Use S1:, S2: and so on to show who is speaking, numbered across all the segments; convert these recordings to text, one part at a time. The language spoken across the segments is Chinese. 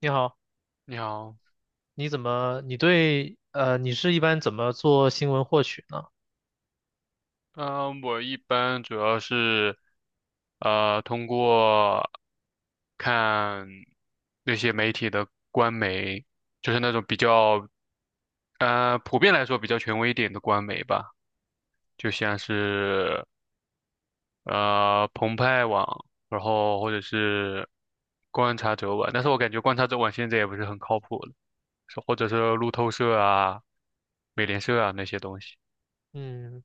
S1: 你好，
S2: 你好，
S1: 你是一般怎么做新闻获取呢？
S2: 嗯、我一般主要是，通过看那些媒体的官媒，就是那种比较，普遍来说比较权威一点的官媒吧，就像是澎湃网，然后或者是观察者网，但是我感觉观察者网现在也不是很靠谱了，是或者是路透社啊、美联社啊那些东西，
S1: 嗯，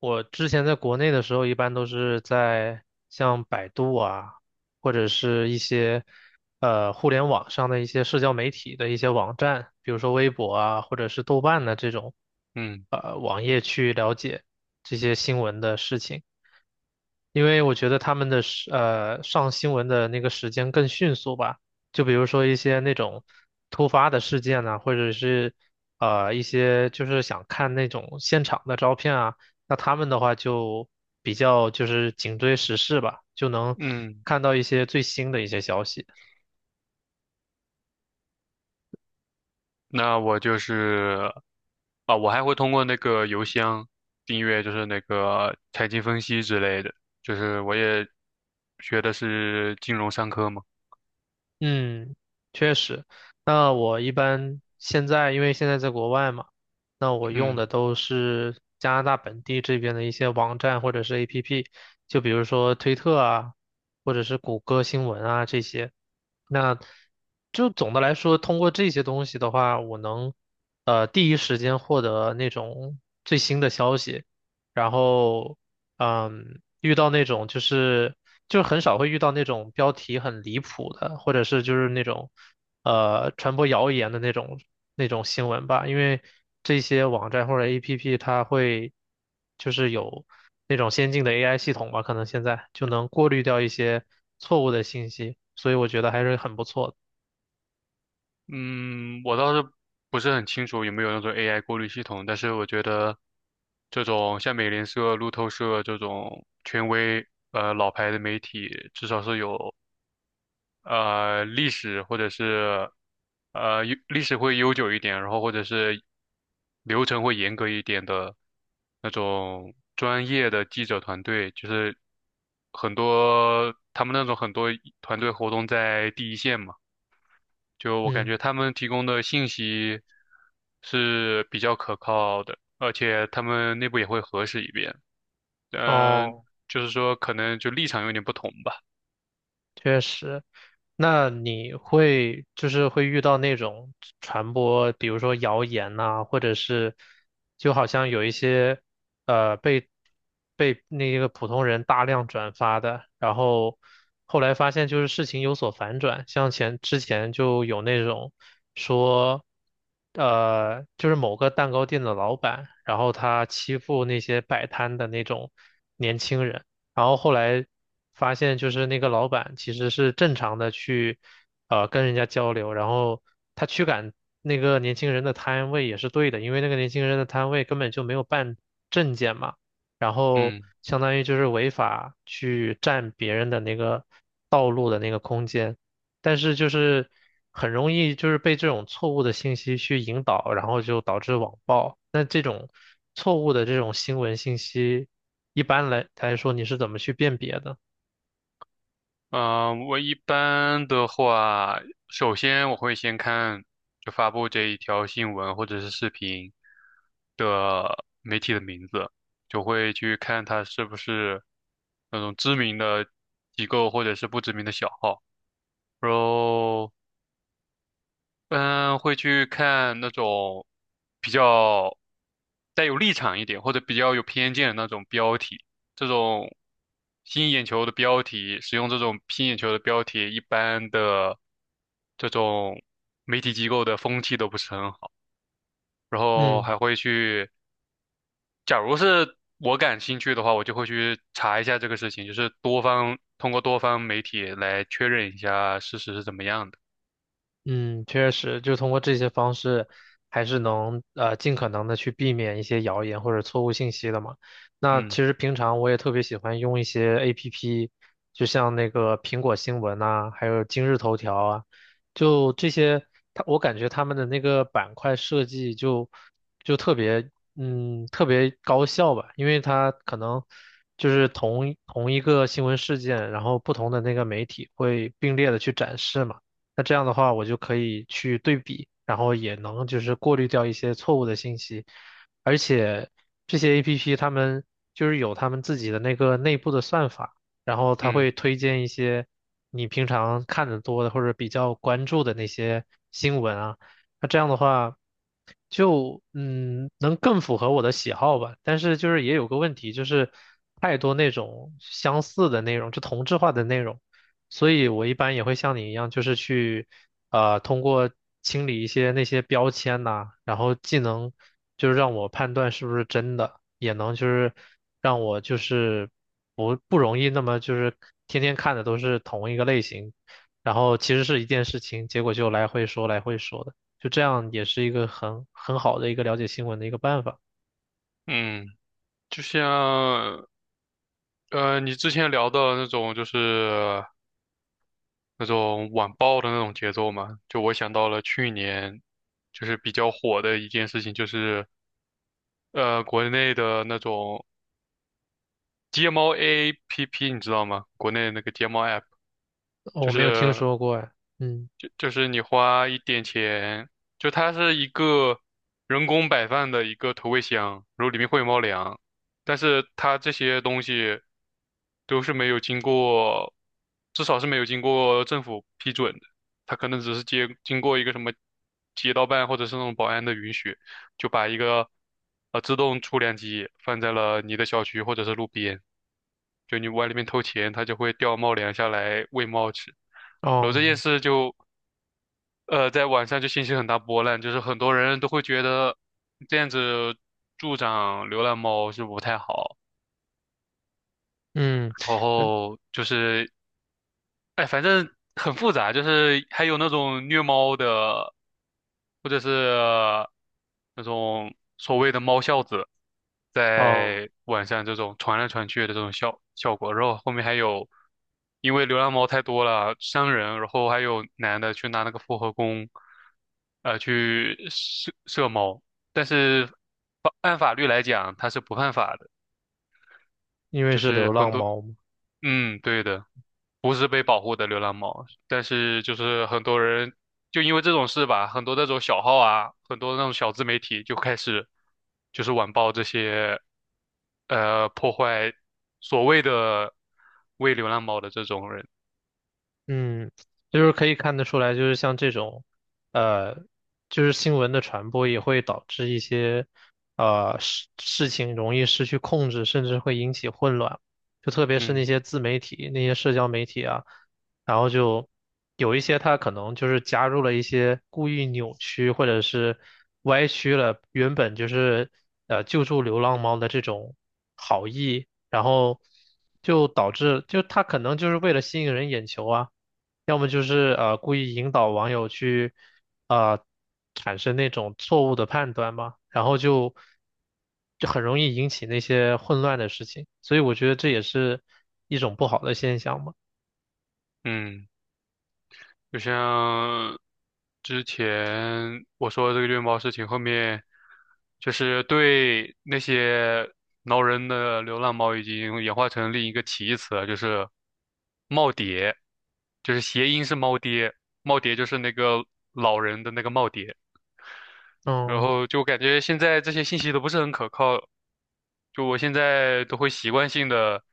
S1: 我之前在国内的时候，一般都是在像百度啊，或者是一些，呃，互联网上的一些社交媒体的一些网站，比如说微博啊，或者是豆瓣的这种，
S2: 嗯
S1: 网页去了解这些新闻的事情。因为我觉得他们的上新闻的那个时间更迅速吧，就比如说一些那种突发的事件呐，或者是一些就是想看那种现场的照片啊，那他们的话就比较就是紧追时事吧，就能
S2: 嗯。
S1: 看到一些最新的一些消息。
S2: 那我就是啊，我还会通过那个邮箱订阅，就是那个财经分析之类的，就是我也学的是金融商科嘛。
S1: 嗯，确实。那我一般现在因为现在在国外嘛，那我用
S2: 嗯
S1: 的都是加拿大本地这边的一些网站或者是 APP，就比如说推特啊，或者是谷歌新闻啊这些。那就总的来说，通过这些东西的话，我能第一时间获得那种最新的消息，然后嗯，遇到那种就是就很少会遇到那种标题很离谱的，或者是就是那种传播谣言的那种新闻吧，因为这些网站或者 APP 它会有那种先进的 AI 系统吧，可能现在就能过滤掉一些错误的信息，所以我觉得还是很不错的。
S2: 嗯，我倒是不是很清楚有没有那种 AI 过滤系统，但是我觉得这种像美联社、路透社这种权威老牌的媒体，至少是有历史或者是历史会悠久一点，然后或者是流程会严格一点的那种专业的记者团队，就是很多他们那种很多团队活动在第一线嘛，就我感
S1: 嗯，
S2: 觉他们提供的信息是比较可靠的，而且他们内部也会核实一遍，嗯、
S1: 哦，
S2: 就是说可能就立场有点不同吧，
S1: 确实。那你会会遇到那种传播，比如说谣言呐、或者是就好像有一些呃被被那个普通人大量转发的，然后后来发现就是事情有所反转，像之前就有那种说就是某个蛋糕店的老板，然后他欺负那些摆摊的那种年轻人。然后后来发现，就是那个老板其实是正常的去，跟人家交流，然后他驱赶那个年轻人的摊位也是对的，因为那个年轻人的摊位根本就没有办证件嘛，然后
S2: 嗯。
S1: 相当于就是违法去占别人的那个道路的那个空间。但是就是很容易就是被这种错误的信息去引导，然后就导致网暴。那这种错误的这种新闻信息，一般来说你是怎么去辨别的？
S2: 嗯，我一般的话，首先我会先看就发布这一条新闻或者是视频的媒体的名字，就会去看它是不是那种知名的机构或者是不知名的小号。然后嗯，会去看那种比较带有立场一点，或者比较有偏见的那种标题，这种吸引眼球的标题，使用这种吸引眼球的标题，一般的这种媒体机构的风气都不是很好。然后
S1: 嗯。
S2: 还会去，假如是我感兴趣的话，我就会去查一下这个事情，就是多方，通过多方媒体来确认一下事实是怎么样的。
S1: 嗯，确实，就通过这些方式，还是能尽可能的去避免一些谣言或者错误信息的嘛。那其
S2: 嗯
S1: 实平常我也特别喜欢用一些 APP，就像那个苹果新闻呐、还有今日头条啊，就这些，它我感觉他们的那个板块设计就特别特别高效吧，因为它可能就是同一个新闻事件，然后不同的那个媒体会并列的去展示嘛。那这样的话，我就可以去对比，然后也能就是过滤掉一些错误的信息，而且这些 APP 他们就是有他们自己的那个内部的算法，然后它
S2: 嗯
S1: 会推荐一些你平常看的多的或者比较关注的那些新闻啊，那这样的话就能更符合我的喜好吧，但是就是也有个问题，就是太多那种相似的内容，就同质化的内容。所以我一般也会像你一样，就是去通过清理一些那些标签呐、然后既能就是让我判断是不是真的，也能就是让我就是不容易那么就是天天看的都是同一个类型，然后其实是一件事情，结果就来回说的，就这样也是一个很好的一个了解新闻的一个办法。
S2: 嗯，就像。你之前聊的那种就是那种晚报的那种节奏嘛，就我想到了去年就是比较火的一件事情，就是国内的那种街猫 APP,你知道吗？国内那个街猫 App,
S1: 哦，
S2: 就
S1: 我没有听
S2: 是
S1: 说过哎。嗯。
S2: 就是你花一点钱，就它是一个人工摆放的一个投喂箱，然后里面会有猫粮，但是它这些东西都是没有经过，至少是没有经过政府批准的，它可能只是经过一个什么街道办或者是那种保安的允许，就把一个自动出粮机放在了你的小区或者是路边，就你往里面投钱，它就会掉猫粮下来喂猫吃。然后这
S1: 哦。
S2: 件事就，在晚上就掀起很大波澜，就是很多人都会觉得这样子助长流浪猫是不太好，
S1: 嗯。
S2: 然
S1: 嗯。
S2: 后就是哎，反正很复杂，就是还有那种虐猫的，或者是那种所谓的猫孝子，
S1: 哦，
S2: 在晚上这种传来传去的这种效果，然后后面还有因为流浪猫太多了伤人，然后还有男的去拿那个复合弓，去射射猫，但是按法律来讲，它是不犯法的，
S1: 因为
S2: 就
S1: 是
S2: 是
S1: 流
S2: 很
S1: 浪
S2: 多，
S1: 猫嘛。
S2: 嗯，对的。不是被保护的流浪猫，但是就是很多人就因为这种事吧，很多那种小号啊，很多那种小自媒体就开始就是晚报这些破坏所谓的喂流浪猫的这种人，
S1: 嗯，就是可以看得出来，就是像这种，呃，就是新闻的传播也会导致一些，呃，事情容易失去控制，甚至会引起混乱。就特别是那
S2: 嗯
S1: 些自媒体、那些社交媒体啊，然后就有一些它可能就是加入了一些故意扭曲或者是歪曲了原本就是救助流浪猫的这种好意，然后就导致就它可能就是为了吸引人眼球啊。要么就是故意引导网友去啊、呃、产生那种错误的判断嘛，然后就很容易引起那些混乱的事情，所以我觉得这也是一种不好的现象嘛。
S2: 嗯。就像之前我说的这个虐猫事情，后面就是对那些挠人的流浪猫已经演化成另一个歧义词了，就是"耄耋"，就是谐音是"猫爹"，"耄耋"就是那个老人的那个耄耋。然
S1: 嗯。
S2: 后就感觉现在这些信息都不是很可靠，就我现在都会习惯性的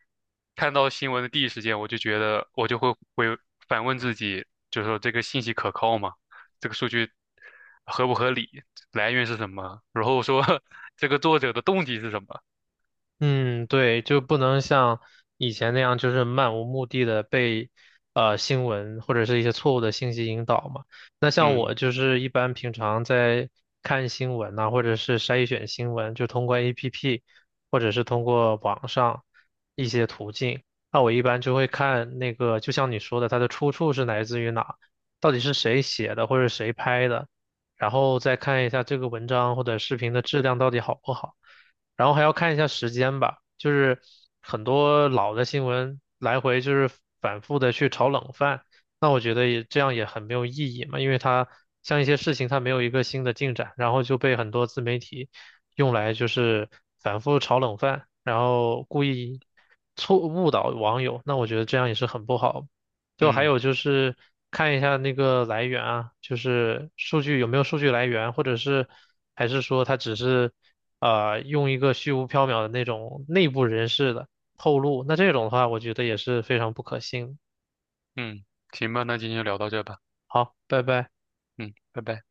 S2: 看到新闻的第一时间，我就觉得我就会反问自己，就是说这个信息可靠吗？这个数据合不合理？来源是什么？然后说 这个作者的动机是什么？
S1: 嗯，对，就不能像以前那样，就是漫无目的的被新闻或者是一些错误的信息引导嘛。那像
S2: 嗯
S1: 我就是一般平常在看新闻呐、或者是筛选新闻，就通过 APP 或者是通过网上一些途径。那我一般就会看那个，就像你说的，它的出处是来自于哪，到底是谁写的或者谁拍的，然后再看一下这个文章或者视频的质量到底好不好。然后还要看一下时间吧，就是很多老的新闻来回就是反复的去炒冷饭，那我觉得也这样也很没有意义嘛，因为它像一些事情它没有一个新的进展，然后就被很多自媒体用来就是反复炒冷饭，然后故意错误导网友，那我觉得这样也是很不好。就还
S2: 嗯
S1: 有就是看一下那个来源啊，就是数据有没有数据来源，或者是还是说它只是用一个虚无缥缈的那种内部人士的透露，那这种的话，我觉得也是非常不可信。
S2: 嗯，行吧，那今天就聊到这吧。
S1: 好，拜拜。
S2: 嗯，拜拜。